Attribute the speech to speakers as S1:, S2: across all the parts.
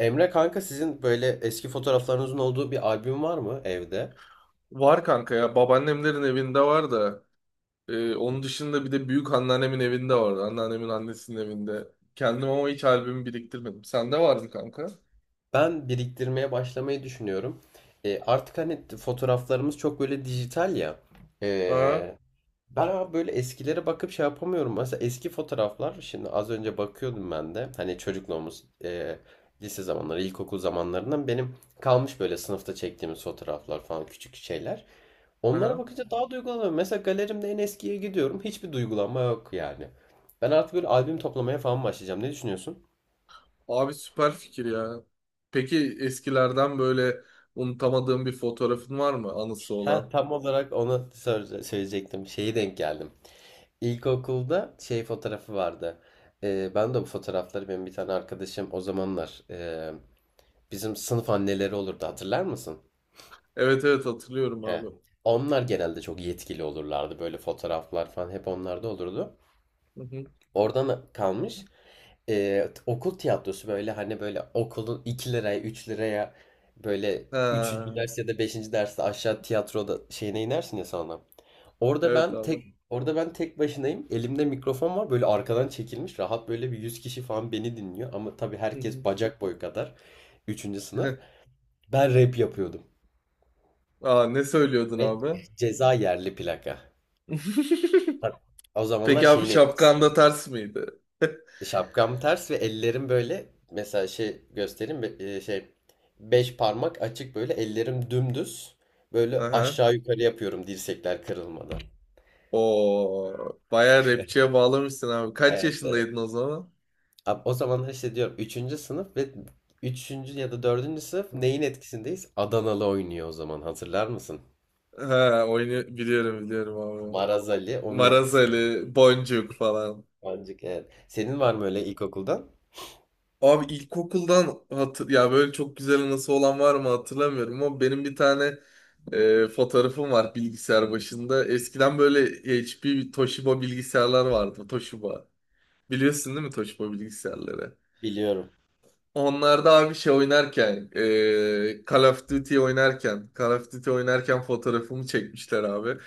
S1: Emre kanka sizin böyle eski fotoğraflarınızın olduğu bir albüm var mı evde?
S2: Var kanka ya babaannemlerin evinde var da onun dışında bir de büyük anneannemin evinde vardı. Anneannemin annesinin evinde. Kendim ama hiç albümü biriktirmedim. Sende var mı kanka?
S1: Ben biriktirmeye başlamayı düşünüyorum. Artık hani fotoğraflarımız çok böyle dijital ya.
S2: Aha,
S1: E, ben ama böyle eskilere bakıp şey yapamıyorum. Mesela eski fotoğraflar şimdi az önce bakıyordum ben de. Hani çocukluğumuz lise zamanları, ilkokul zamanlarından benim kalmış böyle sınıfta çektiğimiz fotoğraflar falan küçük şeyler. Onlara
S2: aha.
S1: bakınca daha duygulanıyorum. Mesela galerimde en eskiye gidiyorum. Hiçbir duygulanma yok yani. Ben artık böyle albüm toplamaya falan başlayacağım. Ne düşünüyorsun?
S2: Abi süper fikir ya. Peki eskilerden böyle unutamadığım bir fotoğrafın var mı anısı
S1: Ha
S2: olan?
S1: tam olarak onu söyleyecektim. Şeyi denk geldim. İlkokulda şey fotoğrafı vardı. Ben de bu fotoğrafları benim bir tane arkadaşım o zamanlar bizim sınıf anneleri olurdu hatırlar mısın?
S2: Evet, evet, hatırlıyorum abi.
S1: He. Onlar genelde çok yetkili olurlardı. Böyle fotoğraflar falan hep onlarda olurdu.
S2: Hı hı.
S1: Oradan kalmış. Okul tiyatrosu böyle hani böyle okulun 2 liraya 3 liraya böyle
S2: Ha,
S1: üçüncü ders ya da beşinci derste aşağı tiyatroda şeyine inersin ya sonra. Orada
S2: evet
S1: ben
S2: abi.
S1: tek orada ben tek başınayım. Elimde mikrofon var böyle arkadan çekilmiş rahat böyle bir 100 kişi falan beni dinliyor ama tabii
S2: Hı hı.
S1: herkes bacak boyu kadar üçüncü sınıf. Ben rap yapıyordum
S2: Aa, ne söylüyordun
S1: ve
S2: abi?
S1: ceza yerli plaka. Bak, o zamanlar
S2: Peki abi
S1: şeyin etkisi.
S2: şapkan da ters miydi?
S1: Şapkam ters ve ellerim böyle mesela şey göstereyim beş parmak açık böyle ellerim dümdüz böyle
S2: Aha.
S1: aşağı yukarı yapıyorum dirsekler kırılmadan.
S2: O bayağı rapçiye bağlamışsın abi. Kaç
S1: Evet, evet.
S2: yaşındaydın o zaman?
S1: O zamanlar işte diyorum üçüncü sınıf ve üçüncü ya da dördüncü sınıf neyin etkisindeyiz? Adanalı oynuyor o zaman hatırlar mısın?
S2: Ha, oyunu biliyorum, biliyorum abi.
S1: Maraz Ali onun etkisinde.
S2: Marazeli Boncuk falan.
S1: Pancık evet. Senin var mı
S2: Evet.
S1: öyle ilkokuldan?
S2: Abi ilkokuldan hatır ya böyle çok güzel anısı olan var mı hatırlamıyorum ama benim bir tane fotoğrafım var bilgisayar başında. Eskiden böyle HP, Toshiba bilgisayarlar vardı. Toshiba. Biliyorsun değil mi Toshiba bilgisayarları?
S1: Biliyorum.
S2: Onlar da abi şey oynarken, Call of Duty oynarken fotoğrafımı çekmişler abi.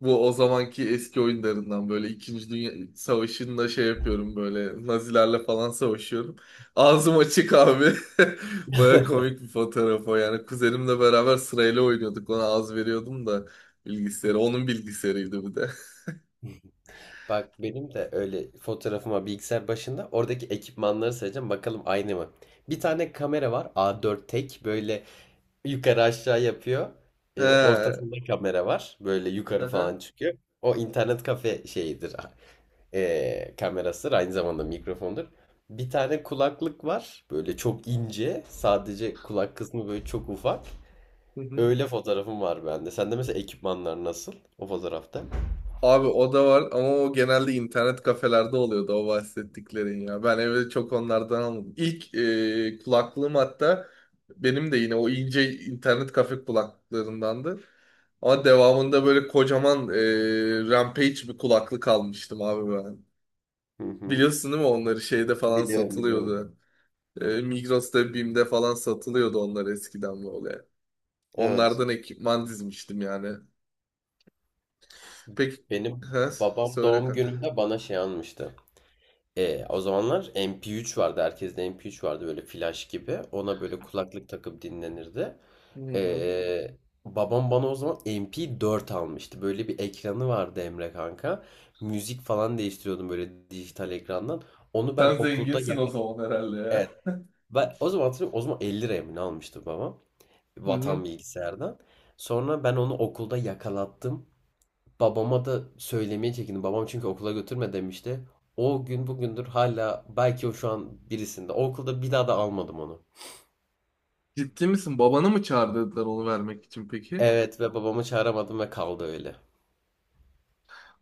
S2: Bu o zamanki eski oyunlarından böyle İkinci Dünya Savaşı'nda şey yapıyorum böyle Nazilerle falan savaşıyorum. Ağzım açık abi. Baya komik bir fotoğraf o yani. Kuzenimle beraber sırayla oynuyorduk. Ona az veriyordum da bilgisayarı. Onun bilgisayarıydı bu da.
S1: Bak benim de öyle fotoğrafıma bilgisayar başında oradaki ekipmanları sayacağım bakalım aynı mı? Bir tane kamera var A4 tek böyle yukarı aşağı yapıyor. Ee,
S2: He.
S1: ortasında kamera var böyle yukarı
S2: Aha.
S1: falan çıkıyor. O internet kafe şeyidir kamerasıdır aynı zamanda mikrofondur. Bir tane kulaklık var böyle çok ince sadece kulak kısmı böyle çok ufak.
S2: Hı hı.
S1: Öyle fotoğrafım var bende. Sende mesela ekipmanlar nasıl o fotoğrafta?
S2: Abi o da var ama o genelde internet kafelerde oluyordu o bahsettiklerin ya. Ben evde çok onlardan almadım. İlk kulaklığım hatta benim de yine o ince internet kafe kulaklıklarındandı. Ama devamında böyle kocaman Rampage bir kulaklık almıştım abi ben.
S1: Hı hı.
S2: Biliyorsun değil mi onları şeyde falan
S1: Biliyorum, biliyorum.
S2: satılıyordu. Migros'ta, BİM'de falan satılıyordu onlar eskiden böyle.
S1: Evet.
S2: Onlardan ekipman dizmiştim yani. Peki,
S1: Benim
S2: He,
S1: babam
S2: söyle
S1: doğum
S2: kanka.
S1: gününde bana şey almıştı. O zamanlar MP3 vardı. Herkeste MP3 vardı böyle flash gibi. Ona böyle kulaklık takıp dinlenirdi.
S2: Hı hı.
S1: E, babam bana o zaman MP4 almıştı. Böyle bir ekranı vardı Emre kanka. Müzik falan değiştiriyordum böyle dijital ekrandan. Onu ben
S2: Sen
S1: okulda
S2: zenginsin o
S1: yak-
S2: zaman herhalde ya.
S1: Evet. Ben o zaman hatırlıyorum. O zaman 50 liraya mı ne almıştı babam?
S2: Hı
S1: Vatan
S2: hı.
S1: bilgisayardan. Sonra ben onu okulda yakalattım. Babama da söylemeye çekindim. Babam çünkü okula götürme demişti. O gün bugündür hala belki o şu an birisinde. O okulda bir daha da almadım onu.
S2: Ciddi misin? Babanı mı çağırdılar onu vermek için peki?
S1: Evet ve babamı çağıramadım ve kaldı öyle.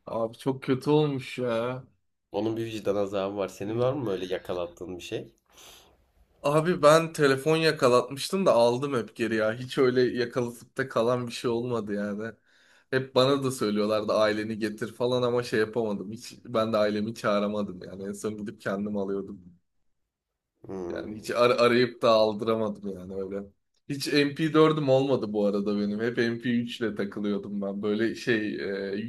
S2: Abi çok kötü olmuş ya.
S1: Onun bir vicdan azabı var. Senin
S2: Hı.
S1: var mı öyle yakalattığın bir şey?
S2: Abi ben telefon yakalatmıştım da aldım hep geri ya. Hiç öyle yakalatıp da kalan bir şey olmadı yani. Hep bana da söylüyorlardı aileni getir falan ama şey yapamadım. Hiç ben de ailemi çağıramadım yani. En son gidip kendim alıyordum. Yani
S1: Hmm.
S2: hiç arayıp da aldıramadım yani öyle. Hiç MP4'üm olmadı bu arada benim. Hep MP3 ile takılıyordum ben. Böyle şey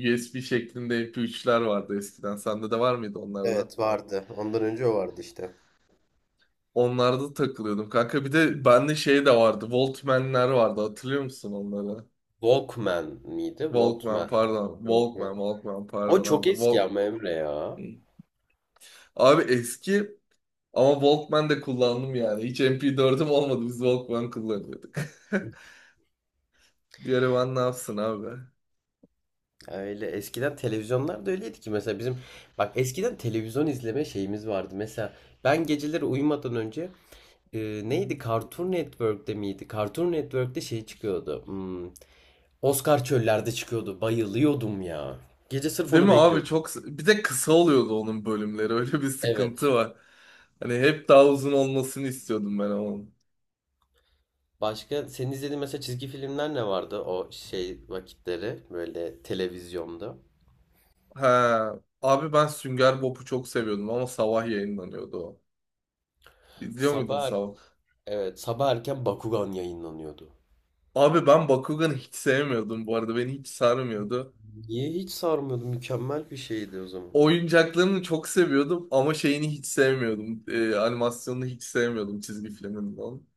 S2: USB şeklinde MP3'ler vardı eskiden. Sende de var mıydı onlarda?
S1: Evet, vardı. Ondan önce o vardı işte.
S2: Onlarda da takılıyordum kanka. Bir de bende şey de vardı. Walkman'ler vardı. Hatırlıyor musun onları?
S1: Walkman miydi?
S2: Walkman
S1: Walkman.
S2: pardon. Walkman,
S1: Walkman.
S2: Walkman
S1: O
S2: pardon
S1: çok
S2: abi.
S1: eski ama Emre ya.
S2: Abi eski ama Walkman de kullandım yani. Hiç MP4'üm olmadı. Biz Walkman kullanıyorduk. Bir ara ben ne yapsın abi?
S1: Öyle eskiden televizyonlar da öyleydi ki mesela bizim bak eskiden televizyon izleme şeyimiz vardı. Mesela ben geceleri uyumadan önce e,
S2: Hı hı.
S1: neydi Cartoon Network'te miydi? Cartoon Network'te şey çıkıyordu. Oscar Çöller'de çıkıyordu. Bayılıyordum ya. Gece sırf
S2: Değil
S1: onu
S2: mi abi,
S1: bekliyordum.
S2: çok bir de kısa oluyordu onun bölümleri, öyle bir
S1: Evet.
S2: sıkıntı var. Hani hep daha uzun olmasını istiyordum ben onun.
S1: Başka senin izlediğin mesela çizgi filmler ne vardı o şey vakitleri böyle televizyonda?
S2: Ha abi, ben Sünger Bob'u çok seviyordum ama sabah yayınlanıyordu o. İzliyor muydun
S1: Sabah er-
S2: sabah?
S1: evet, sabah erken Bakugan yayınlanıyordu.
S2: Abi ben Bakugan'ı hiç sevmiyordum, bu arada beni hiç sarmıyordu.
S1: Niye hiç sarmıyordu? Mükemmel bir şeydi o zaman.
S2: Oyuncaklarını çok seviyordum ama şeyini hiç sevmiyordum. Animasyonunu hiç sevmiyordum çizgi filminin onun.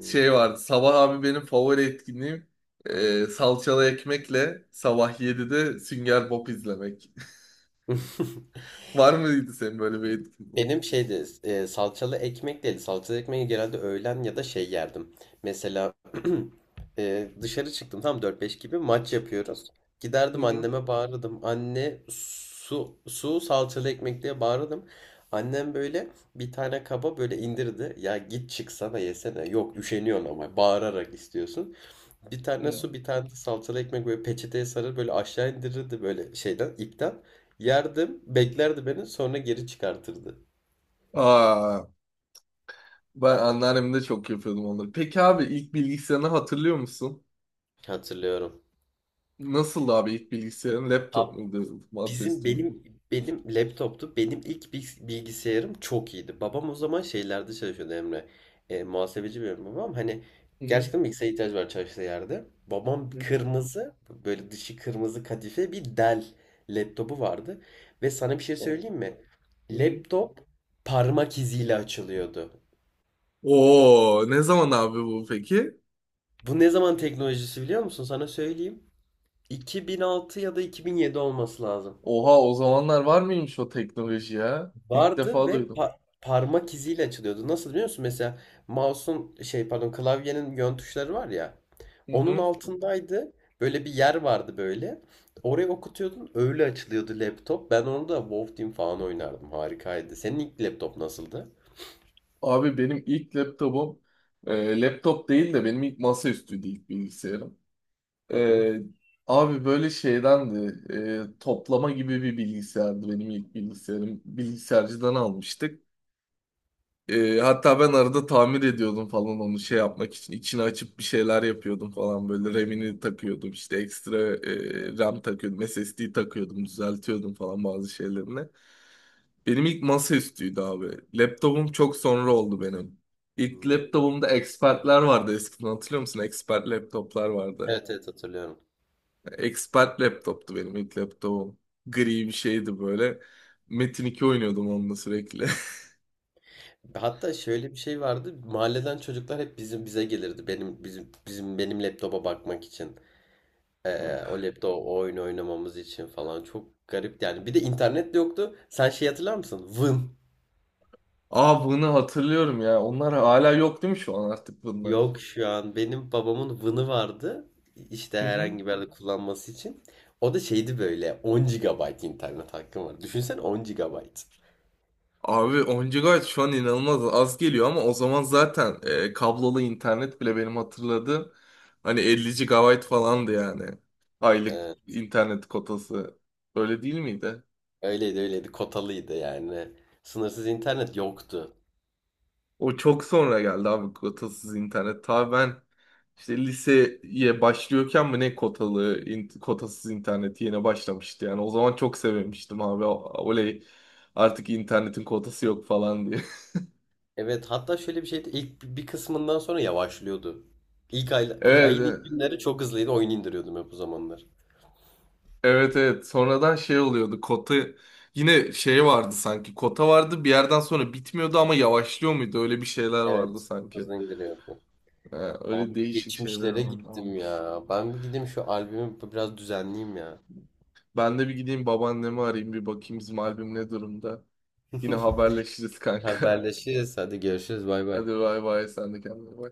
S2: Şey vardı. Sabah abi benim favori etkinliğim salçalı ekmekle sabah 7'de Sünger Bob izlemek. Var mıydı senin böyle bir etkinliğin?
S1: Benim şeydi salçalı ekmek değildi. Salçalı ekmeği genelde öğlen ya da şey yerdim. Mesela dışarı çıktım tam 4-5 gibi maç yapıyoruz.
S2: Hı
S1: Giderdim
S2: hı.
S1: anneme bağırırdım. Anne su su salçalı ekmek diye bağırırdım. Annem böyle bir tane kaba böyle indirdi. Ya git çıksana yesene. Yok üşeniyorsun ama bağırarak istiyorsun. Bir tane
S2: Hı.
S1: su, bir tane de salçalı ekmek böyle peçeteye sarır böyle aşağı indirirdi böyle şeyden ipten. Yerdim, beklerdi beni sonra geri çıkartırdı.
S2: Aa, ben anneannem çok yapıyordum onları. Peki abi, ilk bilgisayarını hatırlıyor musun?
S1: Hatırlıyorum.
S2: Nasıldı abi ilk bilgisayarın? Laptop muydu?
S1: Bizim
S2: Masaüstü müydü?
S1: benim benim laptoptu. Benim ilk bilgisayarım çok iyiydi. Babam o zaman şeylerde çalışıyordu Emre. Muhasebeci benim babam. Hani
S2: Hı hı.
S1: gerçekten bilgisayara ihtiyacı var çalıştığı yerde. Babam
S2: Hı hı.
S1: kırmızı böyle dışı kırmızı kadife bir Dell laptopu vardı. Ve sana bir şey
S2: O-
S1: söyleyeyim mi?
S2: Hı hı.
S1: Laptop parmak iziyle açılıyordu.
S2: Oo, ne zaman abi bu peki?
S1: Bu ne zaman teknolojisi biliyor musun? Sana söyleyeyim. 2006 ya da 2007 olması lazım.
S2: Oha, o zamanlar var mıymış o teknoloji ya? İlk
S1: Vardı
S2: defa
S1: ve
S2: duydum.
S1: parmak iziyle açılıyordu. Nasıl biliyor musun? Mesela mouse'un şey pardon klavyenin yön tuşları var ya.
S2: Hı
S1: Onun
S2: hı.
S1: altındaydı. Böyle bir yer vardı böyle. Oraya okutuyordun öyle açılıyordu laptop. Ben onu da WoW Team falan oynardım. Harikaydı. Senin ilk laptop nasıldı?
S2: Abi benim ilk laptopum, laptop değil de, benim ilk masaüstüydü ilk bilgisayarım.
S1: Hı hı.
S2: E, abi böyle şeydendi, toplama gibi bir bilgisayardı benim ilk bilgisayarım. Bilgisayarcıdan almıştık. Hatta ben arada tamir ediyordum falan onu şey yapmak için. İçini açıp bir şeyler yapıyordum falan böyle. RAM'ini takıyordum işte, ekstra RAM takıyordum. SSD takıyordum, düzeltiyordum falan bazı şeylerini. Benim ilk masaüstüydü abi. Laptopum çok sonra oldu benim. İlk
S1: Hmm.
S2: laptopumda expertler vardı eskiden, hatırlıyor musun? Expert laptoplar vardı.
S1: Evet, evet, hatırlıyorum.
S2: Expert laptoptu benim ilk laptopum. Gri bir şeydi böyle. Metin 2 oynuyordum onunla sürekli.
S1: Hatta şöyle bir şey vardı. Mahalleden çocuklar hep bizim bize gelirdi. Benim bizim bizim benim laptopa bakmak için. O laptop o oyun oynamamız için falan çok garip yani. Bir de internet de yoktu. Sen şey hatırlar mısın? Vın.
S2: Aa, bunu hatırlıyorum ya. Onlar hala yok değil mi şu an artık bunlar?
S1: Yok şu an benim babamın Vın'ı vardı. İşte herhangi bir yerde kullanması için. O da şeydi böyle 10 gigabayt internet hakkım var. Düşünsene 10 gigabayt.
S2: Abi, 10 GB şu an inanılmaz az geliyor ama o zaman zaten kablolu internet bile benim hatırladığım hani 50 GB falandı yani. Aylık
S1: Ee,
S2: internet kotası. Öyle değil miydi?
S1: öyleydi, kotalıydı yani. Sınırsız internet yoktu.
S2: O çok sonra geldi abi kotasız internet. Ta ben işte liseye başlıyorken mi ne, kotalı kotasız internet yeni başlamıştı yani. O zaman çok sevmiştim abi. Oley, artık internetin kotası yok falan diye.
S1: Evet, hatta şöyle bir şeydi ilk bir kısmından sonra yavaşlıyordu. İlk ayın
S2: Evet.
S1: ilk günleri çok hızlıydı oyun indiriyordum hep o zamanlar.
S2: Evet, evet, sonradan şey oluyordu kota, yine şey vardı sanki, kota vardı bir yerden sonra, bitmiyordu ama yavaşlıyor muydu, öyle bir şeyler vardı
S1: Evet,
S2: sanki.
S1: hızlı indiriyordum.
S2: Ee, öyle
S1: Abi
S2: değişik şeyler
S1: geçmişlere
S2: vardı ama.
S1: gittim ya. Ben bir gideyim şu albümü biraz düzenleyeyim ya.
S2: Ben de bir gideyim babaannemi arayayım, bir bakayım bizim albüm ne durumda. Yine haberleşiriz kanka.
S1: Haberleşiriz. Hadi görüşürüz. Bay bay.
S2: Hadi bay bay, sen de kendine bak.